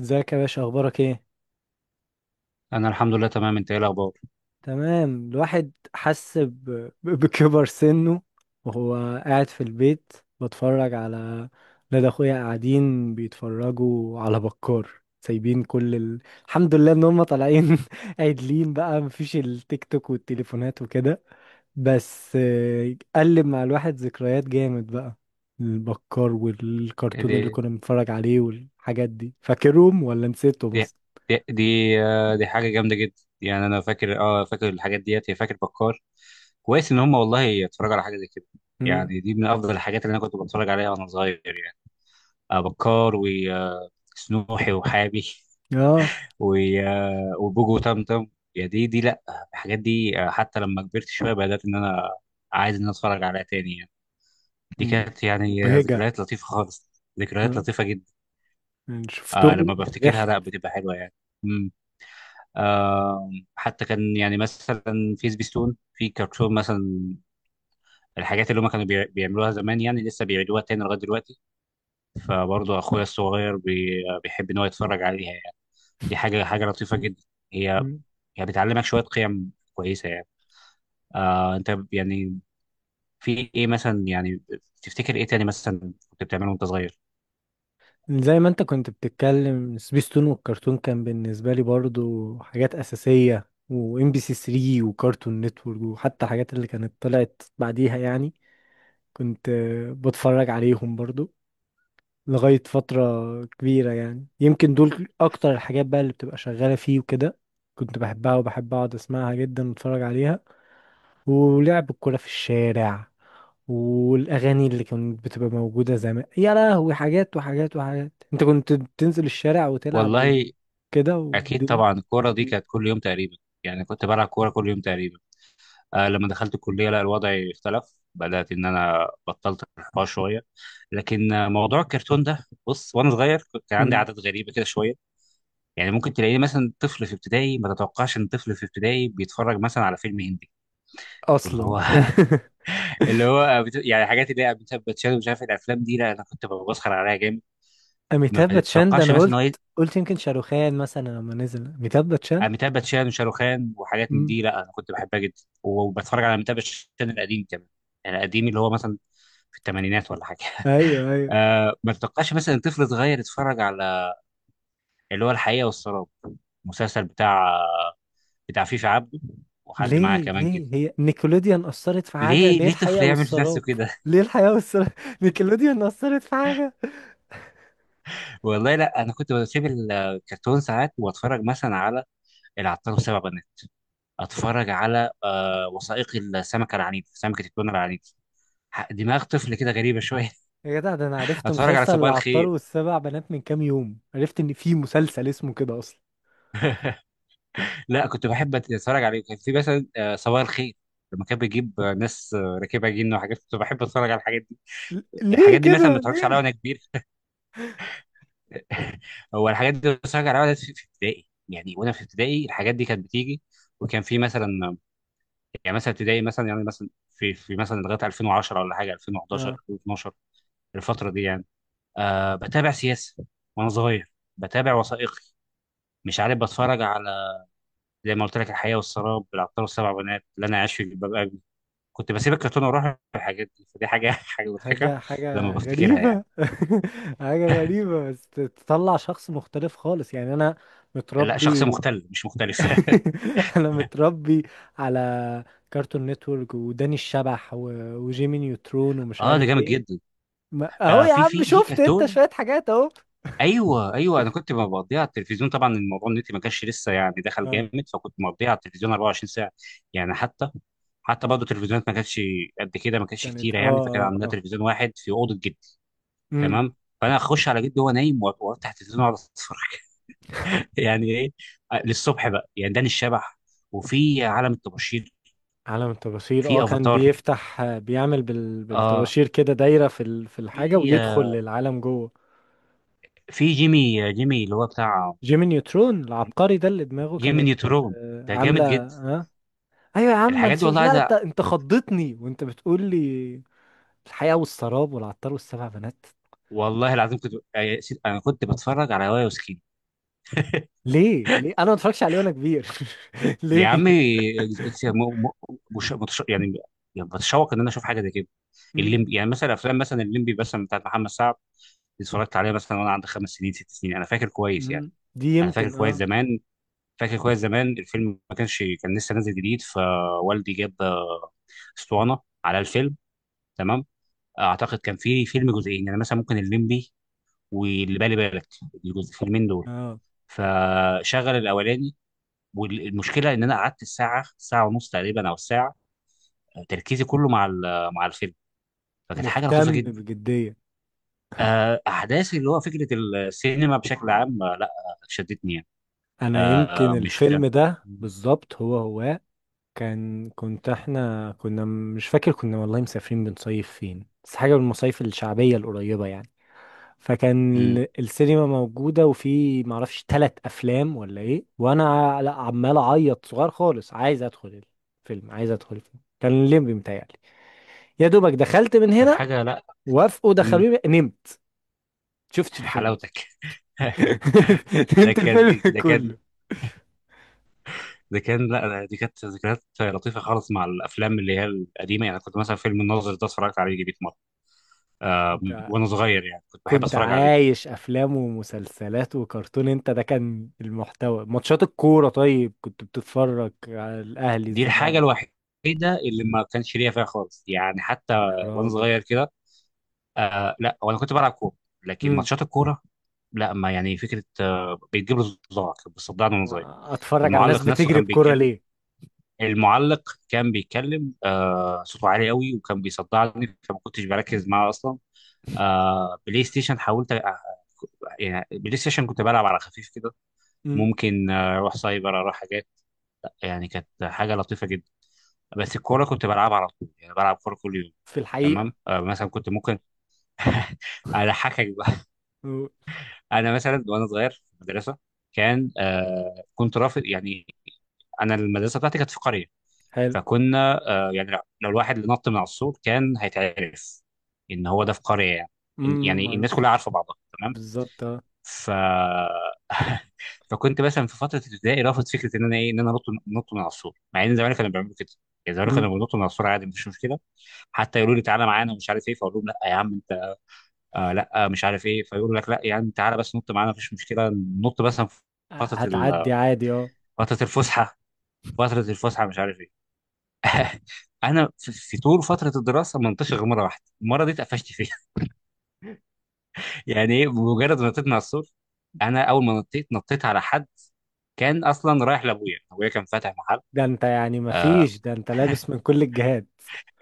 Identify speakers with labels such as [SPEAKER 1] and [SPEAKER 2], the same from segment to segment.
[SPEAKER 1] ازيك يا باشا، اخبارك ايه؟
[SPEAKER 2] انا الحمد لله تمام. انت ايه الاخبار؟
[SPEAKER 1] تمام. الواحد حس بكبر سنه وهو قاعد في البيت، بتفرج على ولاد اخويا قاعدين بيتفرجوا على بكار، سايبين كل الحمد لله ان هم طالعين عدلين بقى، مفيش التيك توك والتليفونات وكده. بس قلب مع الواحد ذكريات جامد بقى. البكار
[SPEAKER 2] إيه
[SPEAKER 1] والكرتون اللي
[SPEAKER 2] دي
[SPEAKER 1] كنا بنتفرج عليه والحاجات دي، فاكرهم ولا نسيتهم
[SPEAKER 2] دي
[SPEAKER 1] اصلا؟
[SPEAKER 2] دي دي, دي حاجه جامده جدا. يعني انا فاكر، فاكر الحاجات ديت. هي فاكر بكار؟ كويس ان هم والله اتفرجوا على حاجه زي كده.
[SPEAKER 1] امم.
[SPEAKER 2] يعني دي من افضل الحاجات اللي انا كنت بتفرج عليها وانا صغير، يعني آه، بكار وسنوحي وحابي.
[SPEAKER 1] اه،
[SPEAKER 2] وبوجو وتمتم، يا دي دي لا. الحاجات دي، حتى لما كبرت شويه بدات ان انا عايز ان أنا اتفرج عليها تاني يعني. دي
[SPEAKER 1] م-
[SPEAKER 2] كانت يعني،
[SPEAKER 1] مبهجة.
[SPEAKER 2] ذكريات لطيفه خالص. ذكريات
[SPEAKER 1] آه.
[SPEAKER 2] لطيفه جدا.
[SPEAKER 1] يعني
[SPEAKER 2] آه
[SPEAKER 1] شفتهم
[SPEAKER 2] لما بفتكرها
[SPEAKER 1] فرحت.
[SPEAKER 2] لا بتبقى حلوه يعني. امم آه حتى كان يعني مثلا، في سبيستون في كرتون مثلا. الحاجات اللي هم كانوا بيعملوها زمان يعني لسه بيعيدوها تاني لغايه دلوقتي. فبرضه اخويا الصغير بي بيحب ان هو يتفرج عليها يعني. دي حاجه لطيفه جدا. هي
[SPEAKER 1] م.
[SPEAKER 2] هي بتعلمك شويه قيم كويسه يعني. آه انت يعني، في ايه مثلا يعني؟ تفتكر ايه تاني مثلا كنت بتعمله وانت صغير؟
[SPEAKER 1] زي ما انت كنت بتتكلم، سبيستون والكرتون كان بالنسبة لي برضو حاجات أساسية، وام بي سي 3 وكارتون نتورك، وحتى حاجات اللي كانت طلعت بعديها يعني. كنت بتفرج عليهم برضو لغاية فترة كبيرة، يعني يمكن دول أكتر الحاجات بقى اللي بتبقى شغالة فيه وكده. كنت بحبها وبحب أقعد أسمعها جدا وأتفرج عليها، ولعب الكورة في الشارع، والأغاني اللي كانت بتبقى موجودة زمان. يا لهوي، حاجات وحاجات وحاجات. أنت كنت تنزل الشارع وتلعب
[SPEAKER 2] والله
[SPEAKER 1] وكده،
[SPEAKER 2] اكيد
[SPEAKER 1] والدنيا.
[SPEAKER 2] طبعا الكوره دي
[SPEAKER 1] مم.
[SPEAKER 2] كانت كل يوم تقريبا. يعني كنت بلعب كوره كل يوم تقريبا. آه لما دخلت الكلية لا الوضع اختلف، بدأت إن أنا بطلت الحوار شوية. لكن موضوع الكرتون ده، بص، وأنا صغير كنت عندي
[SPEAKER 1] مم.
[SPEAKER 2] عادات غريبة كده شوية. يعني ممكن تلاقيني مثلا طفل في ابتدائي، ما تتوقعش إن طفل في ابتدائي بيتفرج مثلا على فيلم هندي. واللي
[SPEAKER 1] أصلا
[SPEAKER 2] هو اللي هو بت... يعني الحاجات اللي هي أميتاب باتشان ومش عارف الأفلام دي، لا أنا كنت بسخر عليها جامد. ما
[SPEAKER 1] أميتاب باتشان ده،
[SPEAKER 2] تتوقعش
[SPEAKER 1] أنا
[SPEAKER 2] مثلا إن هو
[SPEAKER 1] قلت
[SPEAKER 2] ي-
[SPEAKER 1] قلت يمكن شاروخان مثلا لما نزل أميتاب باتشان.
[SPEAKER 2] أميتاب باتشان وشاروخان وحاجات من
[SPEAKER 1] مم.
[SPEAKER 2] دي، لا أنا كنت بحبها جدا وبتفرج على أميتاب باتشان القديم كمان. يعني القديم اللي هو مثلا في الثمانينات ولا حاجة.
[SPEAKER 1] أيوه، أيوه.
[SPEAKER 2] آه ما تتوقعش مثلا طفل صغير يتفرج على اللي هو الحقيقة والسراب، مسلسل بتاع فيفي عبده وحد معاه
[SPEAKER 1] ليه؟
[SPEAKER 2] كمان كده.
[SPEAKER 1] ليه هي نيكولوديان أثرت في حاجة؟
[SPEAKER 2] ليه
[SPEAKER 1] ليه
[SPEAKER 2] ليه طفل
[SPEAKER 1] الحياة
[SPEAKER 2] يعمل في نفسه
[SPEAKER 1] والسراب؟
[SPEAKER 2] كده؟
[SPEAKER 1] ليه الحياة والسراب نيكولوديان أثرت في حاجة؟
[SPEAKER 2] والله لا انا كنت بسيب الكرتون ساعات واتفرج مثلا على العطار وسبع بنات. اتفرج على وثائقي السمكة العنيدة، سمكة التونة العنيدة. دماغ طفل كده غريبة شوية.
[SPEAKER 1] يا جدع، ده انا عرفت
[SPEAKER 2] اتفرج على
[SPEAKER 1] مسلسل
[SPEAKER 2] صباح
[SPEAKER 1] العطار
[SPEAKER 2] الخير.
[SPEAKER 1] والسبع بنات من كام يوم، عرفت ان في مسلسل اسمه كده اصلا.
[SPEAKER 2] لا كنت بحب اتفرج عليه، كان في مثلا صباح الخير، لما كان بيجيب ناس راكبه جن وحاجات، كنت بحب اتفرج على الحاجات دي.
[SPEAKER 1] ليه
[SPEAKER 2] الحاجات دي مثلا ما
[SPEAKER 1] كده،
[SPEAKER 2] اتفرجش
[SPEAKER 1] ليه؟
[SPEAKER 2] عليها وانا كبير. هو الحاجات دي بتفرج عليها وانا في ابتدائي يعني. وانا في ابتدائي الحاجات دي كانت بتيجي. وكان في مثلا، يعني مثلا ابتدائي مثلا يعني مثلا في مثلا لغايه 2010 ولا حاجه 2011
[SPEAKER 1] اه.
[SPEAKER 2] 2012. الفتره دي يعني، آه بتابع سياسه وانا صغير، بتابع وثائقي، مش عارف، بتفرج على، زي ما قلت لك، الحياه والسراب، العطار والسبع بنات، اللي انا عايش في جلباب ابي. كنت بسيب الكرتون واروح الحاجات دي. فدي حاجه حاجه مضحكه
[SPEAKER 1] حاجة
[SPEAKER 2] لما
[SPEAKER 1] حاجة
[SPEAKER 2] بفتكرها يعني.
[SPEAKER 1] غريبة حاجة غريبة، بس تطلع شخص مختلف خالص، يعني انا
[SPEAKER 2] لا شخص
[SPEAKER 1] متربي
[SPEAKER 2] مختل مش مختلف.
[SPEAKER 1] انا متربي على كارتون نتورك وداني الشبح وجيمي نيوترون ومش
[SPEAKER 2] اه ده
[SPEAKER 1] عارف
[SPEAKER 2] جامد
[SPEAKER 1] ايه.
[SPEAKER 2] جدا.
[SPEAKER 1] ما... اهو
[SPEAKER 2] آه
[SPEAKER 1] يا
[SPEAKER 2] في
[SPEAKER 1] عم،
[SPEAKER 2] في في
[SPEAKER 1] شفت انت
[SPEAKER 2] كرتون.
[SPEAKER 1] شوية حاجات اهو.
[SPEAKER 2] ايوه ايوه، انا كنت مقضيها على التلفزيون طبعا. الموضوع النت ما كانش لسه يعني دخل
[SPEAKER 1] اه،
[SPEAKER 2] جامد، فكنت مقضيها على التلفزيون 24 ساعه يعني. حتى برضه التلفزيونات ما كانتش قد كده، ما كانتش
[SPEAKER 1] كانت.
[SPEAKER 2] كتيره يعني. فكان
[SPEAKER 1] اه، اه،
[SPEAKER 2] عندنا
[SPEAKER 1] اه.
[SPEAKER 2] تلفزيون واحد في اوضه جدي،
[SPEAKER 1] امم.
[SPEAKER 2] تمام. فانا اخش على جدي وهو نايم وافتح التلفزيون واقعد اتفرج. يعني ايه، للصبح بقى يعني. داني الشبح، وفي عالم الطباشير،
[SPEAKER 1] عالم الطباشير. اه،
[SPEAKER 2] في
[SPEAKER 1] كان
[SPEAKER 2] افاتار،
[SPEAKER 1] بيفتح بيعمل
[SPEAKER 2] اه
[SPEAKER 1] بالطباشير كده دايرة في الحاجة،
[SPEAKER 2] في
[SPEAKER 1] ويدخل للعالم جوه.
[SPEAKER 2] جيمي، اللي هو بتاع
[SPEAKER 1] جيمي نيوترون العبقري، ده اللي دماغه
[SPEAKER 2] جيمي
[SPEAKER 1] كانت
[SPEAKER 2] نيوترون، ده جامد
[SPEAKER 1] عاملة
[SPEAKER 2] جدا.
[SPEAKER 1] ها. ايوه يا عم، ما
[SPEAKER 2] الحاجات دي
[SPEAKER 1] نشوف.
[SPEAKER 2] والله
[SPEAKER 1] لا،
[SPEAKER 2] عايز،
[SPEAKER 1] انت خضتني وانت بتقول لي الحياة والسراب والعطار والسبع بنات.
[SPEAKER 2] والله العظيم كنت، انا كنت بتفرج على وايا وسكيني.
[SPEAKER 1] ليه؟ ليه انا ما اتفرجش عليه وانا كبير؟
[SPEAKER 2] يا
[SPEAKER 1] ليه؟
[SPEAKER 2] عم مش متش... يعني يعني بتشوق ان انا اشوف حاجه زي كده.
[SPEAKER 1] مم.
[SPEAKER 2] الليمبي، يعني مثلا افلام مثلا الليمبي مثلا بتاعت محمد سعد، دي اتفرجت عليها مثلا وانا عندي 5 سنين 6 سنين، انا فاكر كويس يعني.
[SPEAKER 1] مم. دي
[SPEAKER 2] انا فاكر
[SPEAKER 1] يمكن،
[SPEAKER 2] كويس
[SPEAKER 1] اه.
[SPEAKER 2] زمان، فاكر كويس زمان الفيلم. ما كانش، كان لسه نازل جديد، فوالدي جاب اسطوانه على الفيلم، تمام. اعتقد كان في فيلم جزئين، يعني مثلا ممكن الليمبي واللي بالي بالك، الفيلمين دول.
[SPEAKER 1] اه،
[SPEAKER 2] فشغل الاولاني، والمشكله ان انا قعدت الساعه ساعه ونص تقريبا او الساعه، تركيزي كله مع مع الفيلم. فكانت حاجه لطيفه
[SPEAKER 1] مهتم
[SPEAKER 2] جدا.
[SPEAKER 1] بجدية.
[SPEAKER 2] احداث اللي هو فكره السينما بشكل عام، آه، لا آه، شدتني يعني.
[SPEAKER 1] انا يمكن
[SPEAKER 2] آه، مش
[SPEAKER 1] الفيلم ده بالظبط، هو هو كان، كنت، احنا كنا، مش فاكر، كنا والله مسافرين بنصيف فين، بس حاجة من المصايف الشعبية القريبة يعني. فكان
[SPEAKER 2] مم.
[SPEAKER 1] السينما موجودة، وفي معرفش تلات أفلام ولا إيه، وأنا لا، عمال أعيط صغير خالص، عايز أدخل الفيلم كان الليمبي متهيألي. يا دوبك دخلت من
[SPEAKER 2] كانت
[SPEAKER 1] هنا.
[SPEAKER 2] حاجه لا.
[SPEAKER 1] وافقوا،
[SPEAKER 2] مم.
[SPEAKER 1] دخلوني، نمت. شفتش الفيلم أصلا
[SPEAKER 2] حلاوتك. ده
[SPEAKER 1] نمت
[SPEAKER 2] كان
[SPEAKER 1] الفيلم
[SPEAKER 2] ده كان
[SPEAKER 1] كله.
[SPEAKER 2] ده كان لا لا، دي كانت ذكريات لطيفه خالص مع الافلام اللي هي القديمه. يعني كنت مثلا فيلم الناظر ده اتفرجت عليه جديد مره، آه،
[SPEAKER 1] انت
[SPEAKER 2] وانا صغير، يعني كنت بحب
[SPEAKER 1] كنت
[SPEAKER 2] اتفرج عليه.
[SPEAKER 1] عايش افلام ومسلسلات وكرتون، انت ده كان المحتوى. ماتشات الكوره طيب، كنت بتتفرج على الاهلي
[SPEAKER 2] دي الحاجة
[SPEAKER 1] الزمالك؟
[SPEAKER 2] الوحيدة اللي ما كانش ليا فيها خالص يعني. حتى
[SPEAKER 1] يا
[SPEAKER 2] وانا
[SPEAKER 1] راجل.
[SPEAKER 2] صغير كده، آه لا وانا كنت بلعب كورة، لكن
[SPEAKER 1] امم.
[SPEAKER 2] ماتشات الكورة لا. ما يعني، فكرة بتجيب لي صداع، كنت بصدعني وانا صغير.
[SPEAKER 1] اتفرج على الناس
[SPEAKER 2] المعلق نفسه
[SPEAKER 1] بتجري
[SPEAKER 2] كان
[SPEAKER 1] بكوره
[SPEAKER 2] بيتكلم
[SPEAKER 1] ليه؟
[SPEAKER 2] المعلق كان بيتكلم، صوته عالي قوي، وكان بيصدعني فما كنتش بركز معاه اصلا. آه بلاي ستيشن حاولت أ- يعني بلاي ستيشن كنت بلعب على خفيف كده.
[SPEAKER 1] امم.
[SPEAKER 2] ممكن اروح سايبر، اروح حاجات، يعني كانت حاجه لطيفه جدا. بس الكوره كنت بلعبها على طول يعني، بلعب كوره كل يوم.
[SPEAKER 1] في
[SPEAKER 2] تمام
[SPEAKER 1] الحقيقه.
[SPEAKER 2] آه مثلا كنت ممكن. اضحكك بقى.
[SPEAKER 1] أمم.
[SPEAKER 2] انا مثلا وانا صغير في المدرسه كان، كنت رافض يعني، انا المدرسه بتاعتي كانت في قريه.
[SPEAKER 1] حلو.
[SPEAKER 2] فكنا آه يعني، لو الواحد اللي نط من على السور كان هيتعرف ان هو ده في قريه يعني.
[SPEAKER 1] امم.
[SPEAKER 2] يعني الناس
[SPEAKER 1] معروف.
[SPEAKER 2] كلها عارفه بعضها تمام.
[SPEAKER 1] بالظبط، اه.
[SPEAKER 2] ف فكنت مثلا في فتره ابتدائي رافض فكره ان انا ايه، ان انا نط من على السور، مع ان زمان كانوا بيعملوا كده. يعني زمان
[SPEAKER 1] أمم.
[SPEAKER 2] كانوا بينطوا من على السور عادي، مفيش مشكله. حتى يقولوا لي تعالى معانا ومش عارف ايه، فاقول لهم لا يا عم انت، آه لا آه مش عارف ايه. فيقولوا لك لا يا عم تعالى بس نط معانا مفيش مشكله، نط بس في فتره ال-
[SPEAKER 1] هتعدي عادي، اه.
[SPEAKER 2] فتره الفسحه. فتره الفسحه مش عارف ايه. انا في طول فتره الدراسه ما نطيتش غير مره واحده، المره دي اتقفشت فيها. يعني ايه، بمجرد ما نطيت مع السور، انا اول ما نطيت، نطيت على حد كان اصلا رايح لابويا. ابويا كان فاتح محل.
[SPEAKER 1] ده انت يعني
[SPEAKER 2] آه،
[SPEAKER 1] مفيش، ده انت لابس من كل الجهات.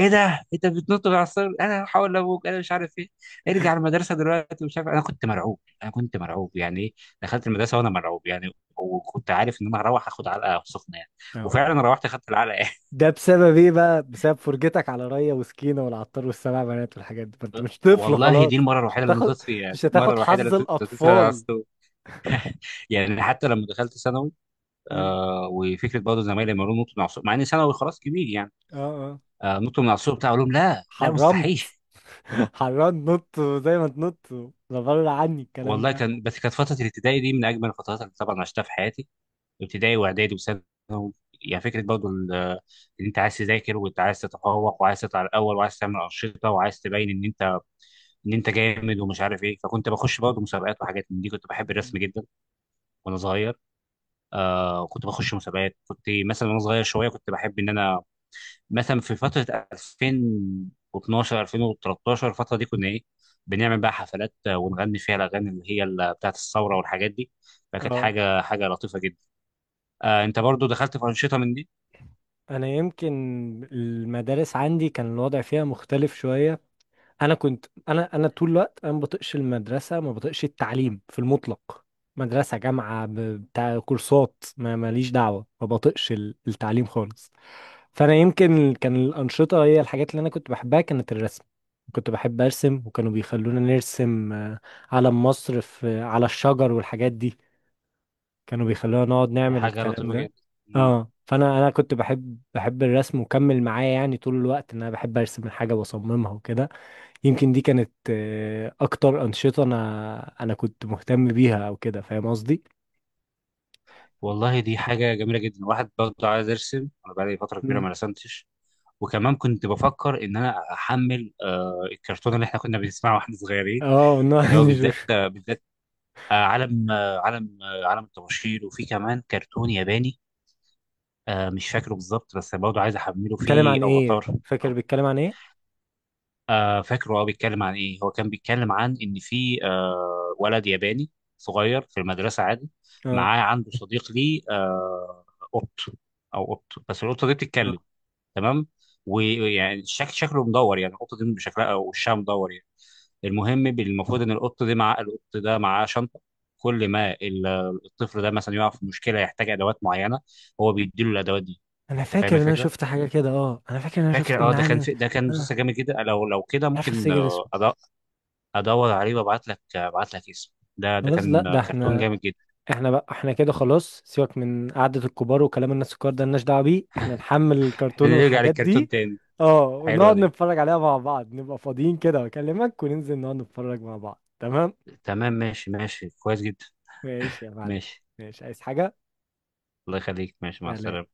[SPEAKER 2] ايه ده انت بتنط بالعصايه، انا هحاول لابوك، انا مش عارف ايه. ارجع المدرسه دلوقتي مش عارف، انا كنت مرعوب، يعني ايه. دخلت المدرسه وانا مرعوب يعني، وكنت عارف ان انا هروح اخد علقه سخنه يعني، وفعلا روحت اخدت العلقه.
[SPEAKER 1] ده بسبب ايه بقى؟ بسبب فرجتك على ريا وسكينة والعطار والسبع بنات والحاجات دي، فانت مش طفل
[SPEAKER 2] والله
[SPEAKER 1] خلاص.
[SPEAKER 2] دي المره
[SPEAKER 1] مش
[SPEAKER 2] الوحيده اللي
[SPEAKER 1] هتاخد
[SPEAKER 2] نطيت فيها.
[SPEAKER 1] مش
[SPEAKER 2] دي المره
[SPEAKER 1] هتاخد
[SPEAKER 2] الوحيده اللي
[SPEAKER 1] حظ
[SPEAKER 2] نطيت نطيت فيها على
[SPEAKER 1] الاطفال.
[SPEAKER 2] السور. يعني حتى لما دخلت ثانوي،
[SPEAKER 1] مم.
[SPEAKER 2] آه وفكره برضه زمايلي لما يقولوا نط من على السور، مع اني ثانوي خلاص كبير يعني.
[SPEAKER 1] اه، اه.
[SPEAKER 2] نط من على السور بتاع، اقول لهم لا لا
[SPEAKER 1] حرمت
[SPEAKER 2] مستحيل.
[SPEAKER 1] حرمت نط، زي ما تنط. لا، بره عني الكلام
[SPEAKER 2] والله
[SPEAKER 1] ده.
[SPEAKER 2] كان، بس كانت فتره الابتدائي دي من اجمل الفترات اللي طبعا عشتها في حياتي. ابتدائي واعدادي وثانوي. يعني فكره برضو ان انت عايز تذاكر، وانت عايز تتفوق، وعايز تطلع الاول، وعايز تعمل انشطه، وعايز تبين ان انت، انت جامد ومش عارف ايه. فكنت بخش برضه مسابقات وحاجات من دي. كنت بحب الرسم
[SPEAKER 1] مم.
[SPEAKER 2] جدا وانا صغير. آه كنت بخش مسابقات. كنت مثلا وانا صغير شويه كنت بحب ان انا مثلا في فتره 2012 2013، الفتره دي كنا ايه، بنعمل بقى حفلات، ونغني فيها الاغاني اللي هي بتاعه الثوره والحاجات دي. فكانت
[SPEAKER 1] اه.
[SPEAKER 2] حاجه لطيفه جدا. آه انت برضه دخلت في انشطه من دي؟
[SPEAKER 1] انا يمكن المدارس عندي كان الوضع فيها مختلف شوية. انا كنت، انا انا طول الوقت، انا ما بطقش المدرسه، ما بطقش التعليم في المطلق. مدرسه، جامعه، بتاع كورسات، ما ماليش دعوه، ما بطقش التعليم خالص. فانا يمكن، كان الانشطه هي الحاجات اللي انا كنت بحبها، كانت الرسم. كنت بحب ارسم، وكانوا بيخلونا نرسم علم مصر في على الشجر والحاجات دي. كانوا بيخلونا نقعد
[SPEAKER 2] دي
[SPEAKER 1] نعمل
[SPEAKER 2] حاجة
[SPEAKER 1] الكلام
[SPEAKER 2] لطيفة
[SPEAKER 1] ده.
[SPEAKER 2] جدا. مم.
[SPEAKER 1] اه، فانا كنت بحب، بحب الرسم، وكمل معايا يعني طول الوقت، ان انا بحب ارسم الحاجه واصممها وكده. يمكن دي كانت اكتر انشطه، انا انا كنت مهتم بيها، او كده، فاهم قصدي؟
[SPEAKER 2] والله دي حاجة جميلة جدا. واحد برضه عايز أرسم، أنا بقالي فترة كبيرة
[SPEAKER 1] مم.
[SPEAKER 2] ما رسمتش. وكمان كنت بفكر إن أنا أحمل الكرتون اللي إحنا كنا بنسمعه وإحنا صغيرين،
[SPEAKER 1] اه،
[SPEAKER 2] اللي هو
[SPEAKER 1] نعم
[SPEAKER 2] بالذات، عالم الطباشير. وفي كمان كرتون ياباني، آه مش فاكره بالظبط، بس برضه عايز أحمله.
[SPEAKER 1] بيتكلم
[SPEAKER 2] فيه
[SPEAKER 1] عن ايه،
[SPEAKER 2] أفاتار.
[SPEAKER 1] فاكر بيتكلم عن ايه؟
[SPEAKER 2] آه فاكره هو بيتكلم عن ايه. هو كان بيتكلم عن ان في ولد ياباني صغير في المدرسه عادي،
[SPEAKER 1] اه،
[SPEAKER 2] معاه، عنده صديق ليه، قط قط، بس القطه دي بتتكلم،
[SPEAKER 1] اه،
[SPEAKER 2] تمام. ويعني شكله مدور، يعني القطه دي شكلها او وشها مدور يعني. المهم المفروض ان القط دي مع القط ده معاه شنطه، كل ما الطفل ده مثلا يقع في مشكله يحتاج ادوات معينه، هو بيديله الادوات دي.
[SPEAKER 1] انا
[SPEAKER 2] انت فاهم
[SPEAKER 1] فاكر ان انا
[SPEAKER 2] الفكره؟
[SPEAKER 1] شفت حاجه كده. اه، انا فاكر ان انا شفت،
[SPEAKER 2] فاكر، اه
[SPEAKER 1] ان
[SPEAKER 2] ده كان
[SPEAKER 1] عادي.
[SPEAKER 2] في، ده كان
[SPEAKER 1] انا
[SPEAKER 2] مسلسل جامد جدا. لو كده
[SPEAKER 1] مش عارف
[SPEAKER 2] ممكن
[SPEAKER 1] افتكر اسمه.
[SPEAKER 2] ادور عليه وابعت لك اسمه. ده ده
[SPEAKER 1] خلاص،
[SPEAKER 2] كان
[SPEAKER 1] لا، ده
[SPEAKER 2] كرتون
[SPEAKER 1] احنا
[SPEAKER 2] جامد جدا.
[SPEAKER 1] احنا بقى، احنا كده خلاص. سيبك من قعده الكبار وكلام الناس الكبار ده، ملناش دعوه بيه. احنا نحمل
[SPEAKER 2] احنا
[SPEAKER 1] الكرتون
[SPEAKER 2] نرجع
[SPEAKER 1] والحاجات
[SPEAKER 2] للكرتون
[SPEAKER 1] دي.
[SPEAKER 2] تاني.
[SPEAKER 1] اه،
[SPEAKER 2] حلوة
[SPEAKER 1] ونقعد
[SPEAKER 2] دي،
[SPEAKER 1] نتفرج عليها مع بعض، نبقى فاضيين كده واكلمك، وننزل نقعد نتفرج مع بعض، تمام؟
[SPEAKER 2] تمام ماشي. كويس جدا.
[SPEAKER 1] ماشي يا معلم.
[SPEAKER 2] ماشي،
[SPEAKER 1] ماشي، عايز حاجة.
[SPEAKER 2] الله يخليك، ماشي مع
[SPEAKER 1] سلام.
[SPEAKER 2] السلامة.